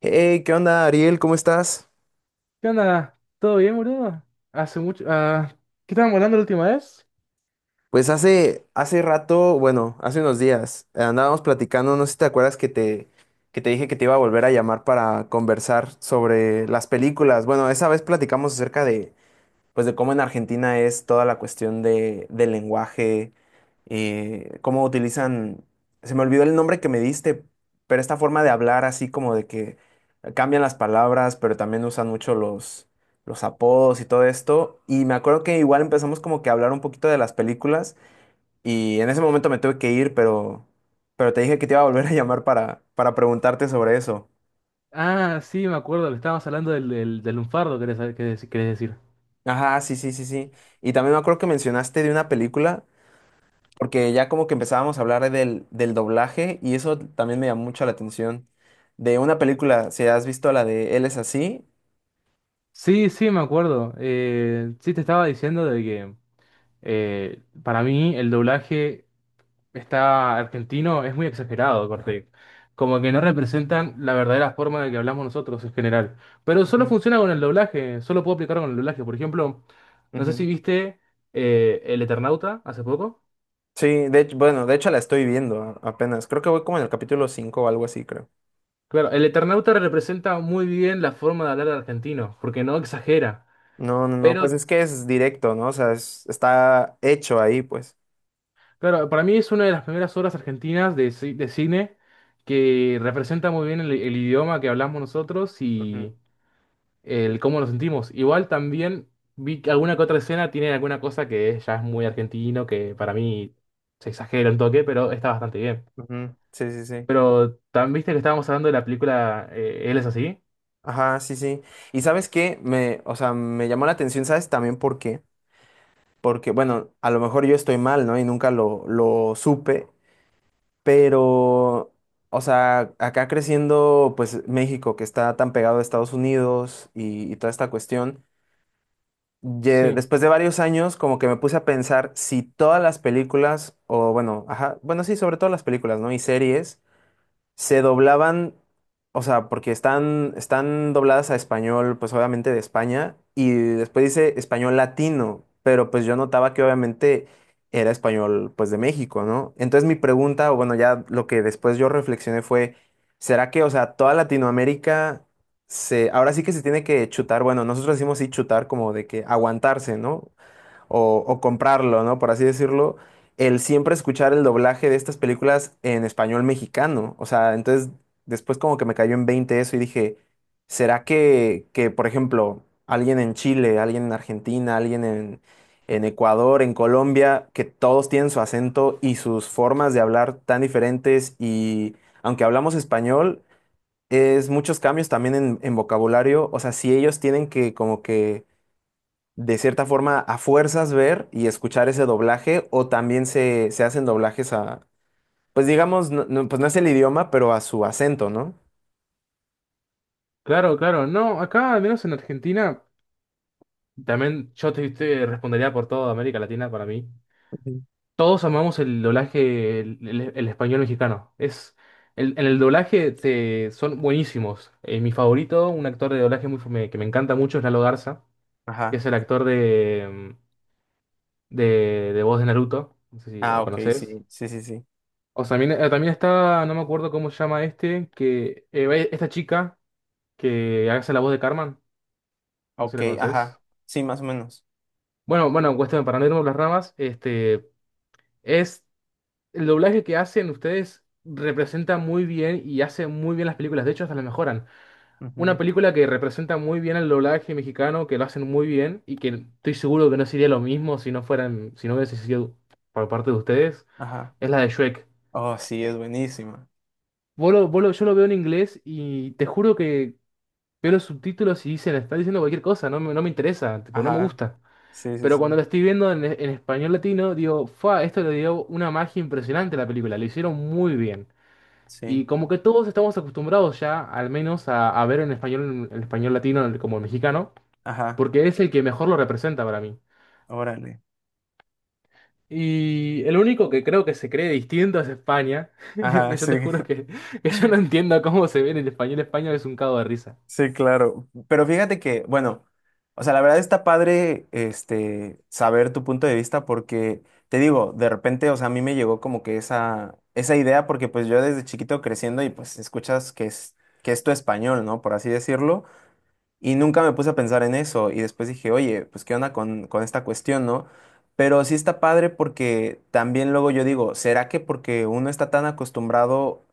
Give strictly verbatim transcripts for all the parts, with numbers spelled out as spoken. Hey, ¿qué onda, Ariel? ¿Cómo estás? ¿Qué onda? ¿Todo bien, boludo? Hace mucho... ah, ¿qué estábamos hablando la última vez? Pues hace, hace rato, bueno, hace unos días, eh, andábamos platicando, no sé si te acuerdas que te, que te dije que te iba a volver a llamar para conversar sobre las películas. Bueno, esa vez platicamos acerca de, pues de cómo en Argentina es toda la cuestión de, del lenguaje, eh, cómo utilizan, se me olvidó el nombre que me diste, pero esta forma de hablar así como de que cambian las palabras, pero también usan mucho los, los apodos y todo esto. Y me acuerdo que igual empezamos como que a hablar un poquito de las películas y en ese momento me tuve que ir, pero, pero te dije que te iba a volver a llamar para, para preguntarte sobre eso. Ah, sí, me acuerdo, le estábamos hablando del, del, del lunfardo, querés, saber- querés- querés decir. Ajá, sí, sí, sí, sí. Y también me acuerdo que mencionaste de una película. Porque ya como que empezábamos a hablar del, del doblaje y eso también me llamó mucho la atención. De una película, si has visto la de Él es así. Sí, sí, me acuerdo. Eh, sí, te estaba diciendo de que eh, para mí el doblaje está argentino es muy exagerado, corte. Como que no representan la verdadera forma de que hablamos nosotros en general. Pero solo Ujú, funciona con el doblaje, solo puedo aplicar con el doblaje. Por ejemplo, no sé si ujú. viste eh, El Eternauta hace poco. Sí, de hecho, bueno, de hecho la estoy viendo a- apenas. Creo que voy como en el capítulo cinco o algo así, creo. Claro, el Eternauta representa muy bien la forma de hablar argentino, porque no exagera. No, no, no, pues Pero, es que es directo, ¿no? O sea, es- está hecho ahí, pues. claro, para mí es una de las primeras obras argentinas de, ci- de cine que representa muy bien el, el idioma que hablamos nosotros Ujú, y el cómo nos sentimos. Igual también vi que alguna que otra escena tiene alguna cosa que es- ya es muy argentino, que para mí se exagera un toque, pero está bastante bien. ujú. Sí, sí, sí. Pero, ¿también viste que estábamos hablando de la película eh, Él es así? Ajá, sí, sí. Y sabes qué, me, o sea, me llamó la atención, ¿sabes? También porque porque, bueno, a lo mejor yo estoy mal, ¿no? Y nunca lo, lo supe, pero, o sea, acá creciendo, pues México, que está tan pegado a Estados Unidos y, y toda esta cuestión, ye- Sí. después de varios años, como que me puse a pensar si todas las películas, o bueno, ajá, bueno, sí, sobre todo las películas, ¿no? Y series se doblaban, o sea, porque están, están dobladas a español, pues obviamente de España, y después dice español latino, pero pues yo notaba que obviamente era español, pues de México, ¿no? Entonces mi pregunta, o bueno, ya lo que después yo reflexioné fue, ¿será que, o sea, toda Latinoamérica se, ahora sí que se tiene que chutar, bueno, nosotros decimos sí chutar como de que aguantarse, ¿no? O, o comprarlo, ¿no? Por así decirlo, el siempre escuchar el doblaje de estas películas en español mexicano. O sea, entonces después como que me cayó en veinte eso y dije, ¿será que, que, por ejemplo, alguien en Chile, alguien en Argentina, alguien en, en Ecuador, en Colombia, que todos tienen su acento y sus formas de hablar tan diferentes y aunque hablamos español, es muchos cambios también en, en vocabulario, o sea, si ellos tienen que como que de cierta forma a fuerzas ver y escuchar ese doblaje o también se, se hacen doblajes a, pues digamos, no, no, pues no es el idioma, pero a su acento, ¿no? Claro, claro. No, acá, al menos en Argentina. También yo te, te respondería por toda América Latina para mí. Ujú. Todos amamos el doblaje, el, el- el español mexicano. Es, el- en el doblaje te- son buenísimos. Eh, mi favorito, un actor de doblaje muy, fam- que me encanta mucho es Lalo Garza, que Ajá. es el actor de, de, de voz de Naruto. No sé si Ah, lo ok, conoces. sí, sí, sí, sí. O sea, también, eh, también está, no me acuerdo cómo se llama este, que eh, esta chica que hace la voz de Carmen. No sé si Ok, la conoces. ajá. Sí, más o menos. Bueno, bueno, cuestión, para no irnos por las ramas, este... Es el doblaje que hacen ustedes representa muy bien y hace muy bien las películas. De hecho, hasta las mejoran. Una Ujú, película que representa muy bien el doblaje mexicano, que lo hacen muy bien y que estoy seguro que no sería lo mismo si no fueran, si no hubiese sido por parte de ustedes, ajá. es la de Shrek. Oh, sí, es Es- buenísima. vos lo- vos lo- yo lo veo en inglés y te juro que veo los subtítulos y dicen, están diciendo cualquier cosa, no me, no me interesa, tipo, no me Ajá. gusta. Sí, sí, Pero cuando sí. lo estoy viendo en, en español latino, digo, fa, esto le dio una magia impresionante a la película, lo hicieron muy bien. Sí. Y como que todos estamos acostumbrados ya, al menos, a, a ver en español, el español latino el- como el mexicano, Ajá. porque es el que mejor lo representa para mí. Órale. Y el único que creo que se cree distinto es España, Ajá, que yo sí. te juro que, que yo no entiendo cómo se ve en el español España, es un cago de risa. Sí, claro. Pero fíjate que, bueno, o sea, la verdad está padre este saber tu punto de vista porque te digo, de repente, o sea, a mí me llegó como que esa esa idea porque pues yo desde chiquito creciendo y pues escuchas que es que es tu español, ¿no? Por así decirlo, y nunca me puse a pensar en eso y después dije, "Oye, pues qué onda con con esta cuestión, ¿no?" Pero sí está padre porque también luego yo digo, ¿será que porque uno está tan acostumbrado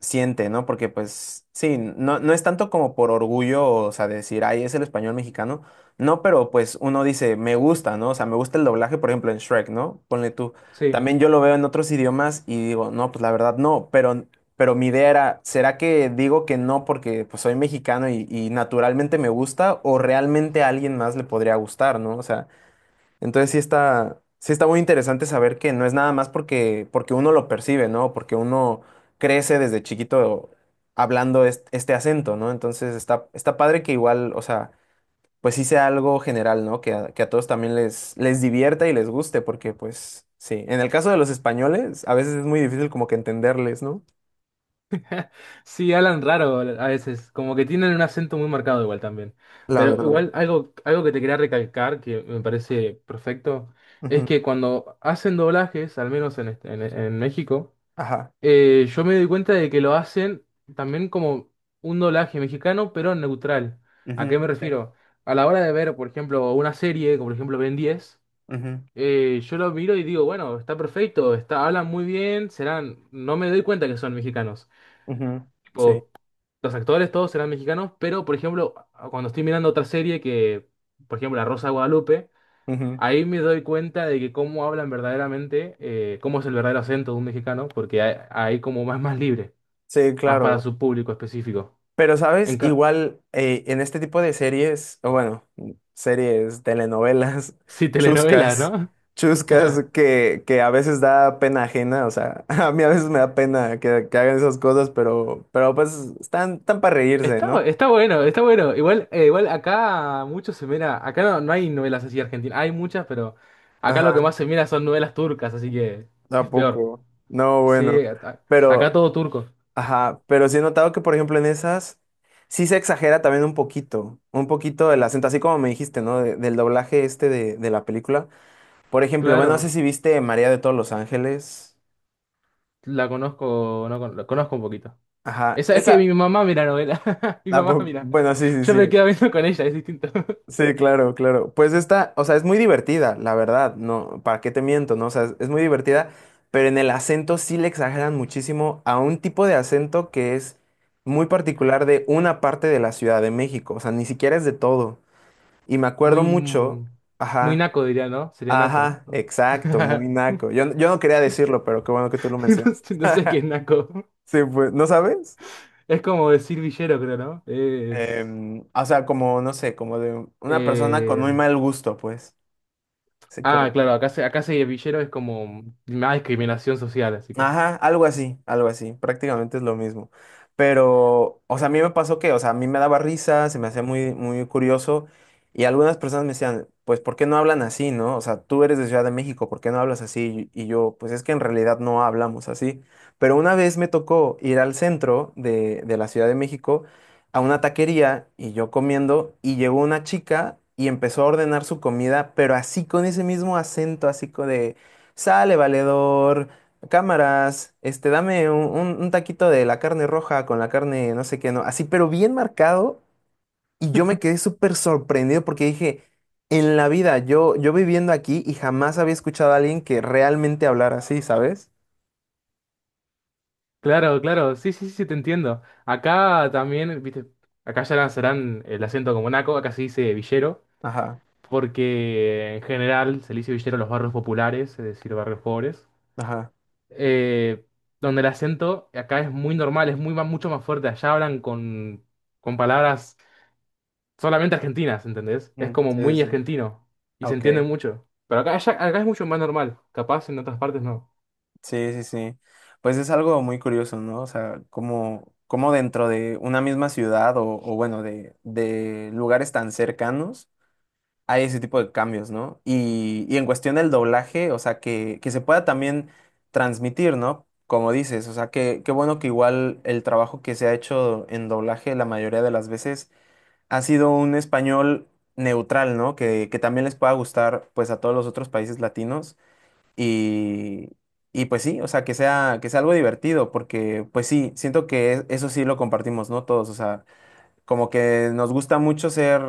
siente, ¿no? Porque pues sí, no, no es tanto como por orgullo, o sea, decir, ay, es el español mexicano, no, pero pues uno dice, me gusta, ¿no? O sea, me gusta el doblaje, por ejemplo, en Shrek, ¿no? Ponle tú, Sí, también yo lo veo en otros idiomas y digo, no, pues la verdad no, pero, pero mi idea era, ¿será que digo que no porque pues soy mexicano y, y naturalmente me gusta o realmente a alguien más le podría gustar, ¿no? O sea... Entonces sí está, sí está muy interesante saber que no es nada más porque, porque uno lo percibe, ¿no? Porque uno crece desde chiquito hablando es- este, acento, ¿no? Entonces está, está padre que igual, o sea, pues sí sea algo general, ¿no? Que a, que a todos también les, les divierta y les guste, porque pues sí, en el caso de los españoles, a veces es muy difícil como que entenderles, ¿no? sí, hablan raro a veces, como que tienen un acento muy marcado igual también. La Pero verdad. igual algo, algo que te quería recalcar, que me parece perfecto, es Ujú. que cuando hacen doblajes, al menos en, este- en en México, Ajá. Eh, yo me doy cuenta de que lo hacen también como un doblaje mexicano, pero neutral. ¿A qué Ujú, me sí. refiero? A la hora de ver, por ejemplo, una serie, como por ejemplo Ben diez, Ujú. eh, yo lo miro y digo, bueno, está perfecto, está, hablan muy bien, serán, no me doy cuenta que son mexicanos. Ujú. Sí. Tipo, los actores todos serán mexicanos, pero por ejemplo, a- cuando estoy mirando otra serie que, por ejemplo, La Rosa de Guadalupe, Ujú. ahí me doy cuenta de que cómo hablan verdaderamente, eh, cómo es el verdadero acento de un mexicano, porque hay, hay como más, más libre. Sí, Más para claro. su público específico. Pero, En ¿sabes? ca- Igual eh, en este tipo de series, o bueno, series, telenovelas, sí, telenovela, chuscas, ¿no? chuscas que, que a veces da pena ajena, o sea, a mí a veces me da pena que, que hagan esas cosas, pero, pero pues están, están para reírse, Está, ¿no? está bueno, está bueno. Igual, eh, igual acá mucho se mira. Acá no, no hay novelas así argentinas. Hay muchas, pero acá lo Ajá, que más se mira son novelas turcas, así que ¿a es peor. poco? No, bueno, Sí, acá, acá pero, todo turco. ajá, pero sí he notado que, por ejemplo, en esas sí se exagera también un poquito, un poquito el acento, así como me dijiste, ¿no? De- del doblaje este de, de la película. Por ejemplo, bueno, no sé Claro, si viste María de todos los Ángeles. la conozco, no, con- la conozco un poquito. Ajá, Esa es que esa. mi mamá mira novela. Mi ah, mamá po- mira. Bueno, sí, sí, Yo me sí. quedo viendo con ella, es distinto. Sí, claro, claro. Pues esta, o sea, es muy divertida, la verdad. No, ¿para qué te miento? No, o sea, es muy divertida, pero en el acento sí le exageran muchísimo a un tipo de acento que es muy particular de una parte de la Ciudad de México. O sea, ni siquiera es de todo. Y me acuerdo Muy, mucho. mm, muy Ajá, naco diría, ¿no? Sería naco, ajá, ¿no? exacto, muy naco. Yo, yo no quería decirlo, pero qué bueno que tú lo No mencionaste. sé no sé qué es Naco. Sí, pues, ¿no sabes? Es como decir villero, creo, ¿no? Es. Em, o sea, como, no sé, como de una persona con muy eh, mal gusto, pues. Así Ah, como claro, que- acá se, acá se villero es como más discriminación social, así que. ajá, algo así, algo así, prácticamente es lo mismo. Pero, o sea, a mí me pasó que, o sea, a mí me daba risa, se me hacía muy, muy curioso y algunas personas me decían, pues, ¿por qué no hablan así, no? O sea, tú eres de Ciudad de México, ¿por qué no hablas así? Y yo, pues es que en realidad no hablamos así. Pero una vez me tocó ir al centro de, de la Ciudad de México a una taquería y yo comiendo y llegó una chica y empezó a ordenar su comida, pero así con ese mismo acento, así co- de, sale valedor. Cámaras, este, dame un, un- un taquito de la carne roja con la carne no sé qué, no, así, pero bien marcado. Y yo me quedé súper sorprendido porque dije, en la vida, yo, yo viviendo aquí y jamás había escuchado a alguien que realmente hablara así, ¿sabes? Claro, claro, sí, sí, sí, te entiendo. Acá también, viste, acá ya lanzarán el acento como Naco, acá se dice villero, Ajá, porque en general se le dice villero a los barrios populares, es decir, barrios pobres. ajá. eh, Donde el acento acá es muy normal, es muy, ma- mucho más fuerte. Allá hablan con, con palabras solamente argentinas, ¿entendés? Es Mm, como sí, sí, muy sí. argentino y se Ok. entiende mucho. Pero acá, ya- acá es mucho más normal, capaz en otras partes no. Sí, sí, sí. Pues es algo muy curioso, ¿no? O sea, como, como dentro de una misma ciudad o, o bueno, de, de lugares tan cercanos. Hay ese tipo de cambios, ¿no? Y, y en cuestión del doblaje, o sea, que, que se pueda también transmitir, ¿no? Como dices, o sea, que, qué bueno que igual el trabajo que se ha hecho en doblaje la mayoría de las veces ha sido un español neutral, ¿no? Que, que también les pueda gustar, pues, a todos los otros países latinos y... Y pues sí, o sea, que sea, que sea algo divertido, porque pues sí, siento que e- eso sí lo compartimos, ¿no? Todos, o sea, como que nos gusta mucho ser,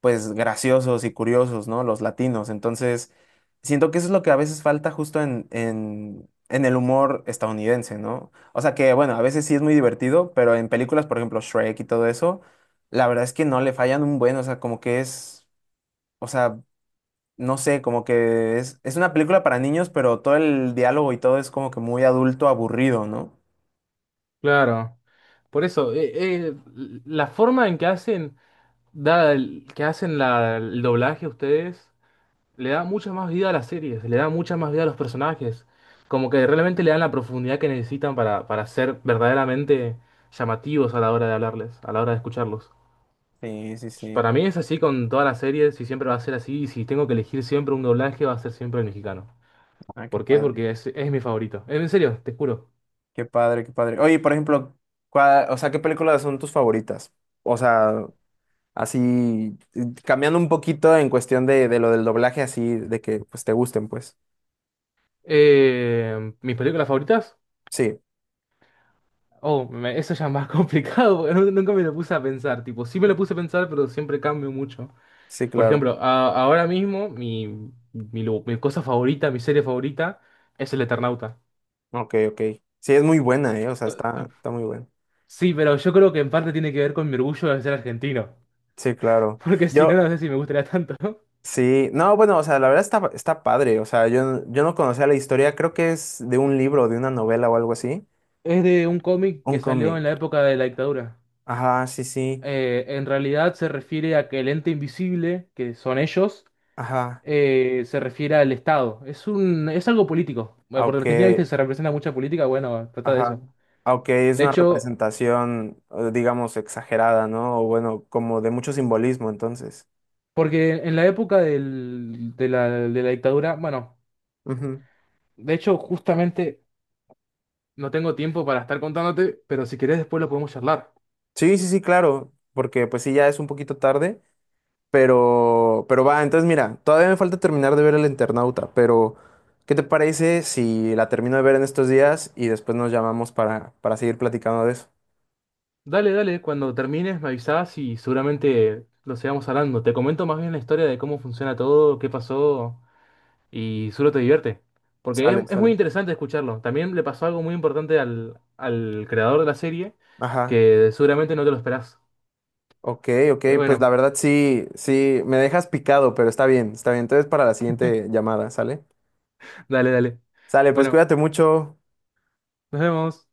pues, graciosos y curiosos, ¿no? Los latinos. Entonces, siento que eso es lo que a veces falta justo en, en, en el humor estadounidense, ¿no? O sea que, bueno, a veces sí es muy divertido, pero en películas, por ejemplo, Shrek y todo eso, la verdad es que no le fallan un buen, o sea, como que es, o sea, no sé, como que es, es una película para niños, pero todo el diálogo y todo es como que muy adulto, aburrido, ¿no? Claro, por eso, eh, eh, la forma en que hacen, da el- que hacen la- el doblaje ustedes, le da mucha más vida a las series, le da mucha más vida a los personajes. Como que realmente le dan la profundidad que necesitan para, para ser verdaderamente llamativos a la hora de hablarles, a la hora de escucharlos. Sí, sí, Pues, sí. para mí es así con todas las series y siempre va a ser así. Y si tengo que elegir siempre un doblaje, va a ser siempre el mexicano. Ah, qué ¿Por qué? padre. Porque es, es mi favorito. Eh, En serio, te juro. Qué padre, qué padre. Oye, por ejemplo, ¿cuál- o sea, ¿qué películas son tus favoritas? O sea, así, eh, cambiando un poquito en cuestión de, de lo del doblaje, así, de que pues te gusten, pues. Eh, ¿mis películas favoritas? Sí, Oh, me- eso ya es más complicado, porque nu- nunca me lo puse a pensar. Tipo, sí me lo puse a pensar, pero siempre cambio mucho. sí, Por claro. ejemplo, a- ahora mismo mi, mi, lu- mi cosa favorita, mi serie favorita, es El Eternauta. Ok, ok. Sí, es muy buena, ¿eh? O sea, está, está muy buena. Sí, pero yo creo que en parte tiene que ver con mi orgullo de ser argentino. Sí, claro. Porque si no, Yo, no sé si me gustaría tanto. sí, no, bueno, o sea, la verdad está, está padre. O sea, yo, yo no conocía la historia, creo que es de un libro, de una novela o algo así. Es de un cómic que Un salió en la cómic. época de la dictadura. Ajá, sí, sí. Eh, en realidad se refiere a que el ente invisible, que son ellos, Ajá. eh, se refiere al Estado. Es un, es algo político. Bueno, Ah, porque ok. Argentina, viste, se representa mucha política, bueno, trata de Ajá. eso. Aunque es De una hecho, representación, eh, digamos, exagerada, ¿no? O bueno, como de mucho simbolismo, entonces. porque en la época del- de la, de la dictadura, bueno, Ujú. de hecho, justamente no tengo tiempo para estar contándote, pero si querés después lo podemos charlar. Sí, sí, sí, claro, porque pues sí, ya es un poquito tarde, pero, pero va, entonces mira, todavía me falta terminar de ver El Internauta, pero ¿qué te parece si la termino de ver en estos días y después nos llamamos para, para seguir platicando de eso? Dale, dale, cuando termines me avisás y seguramente lo sigamos hablando. Te comento más bien la historia de cómo funciona todo, qué pasó y seguro te divierte. Porque es, Sale, es muy sale. interesante escucharlo. También le pasó algo muy importante al, al creador de la serie Ajá. que seguramente no te lo esperás. Ok, ok, Pero pues la bueno, verdad sí, sí, me dejas picado, pero está bien, está bien. Entonces para la siguiente llamada, ¿sale? dale, dale. Sale, pues Bueno, cuídate mucho. nos vemos.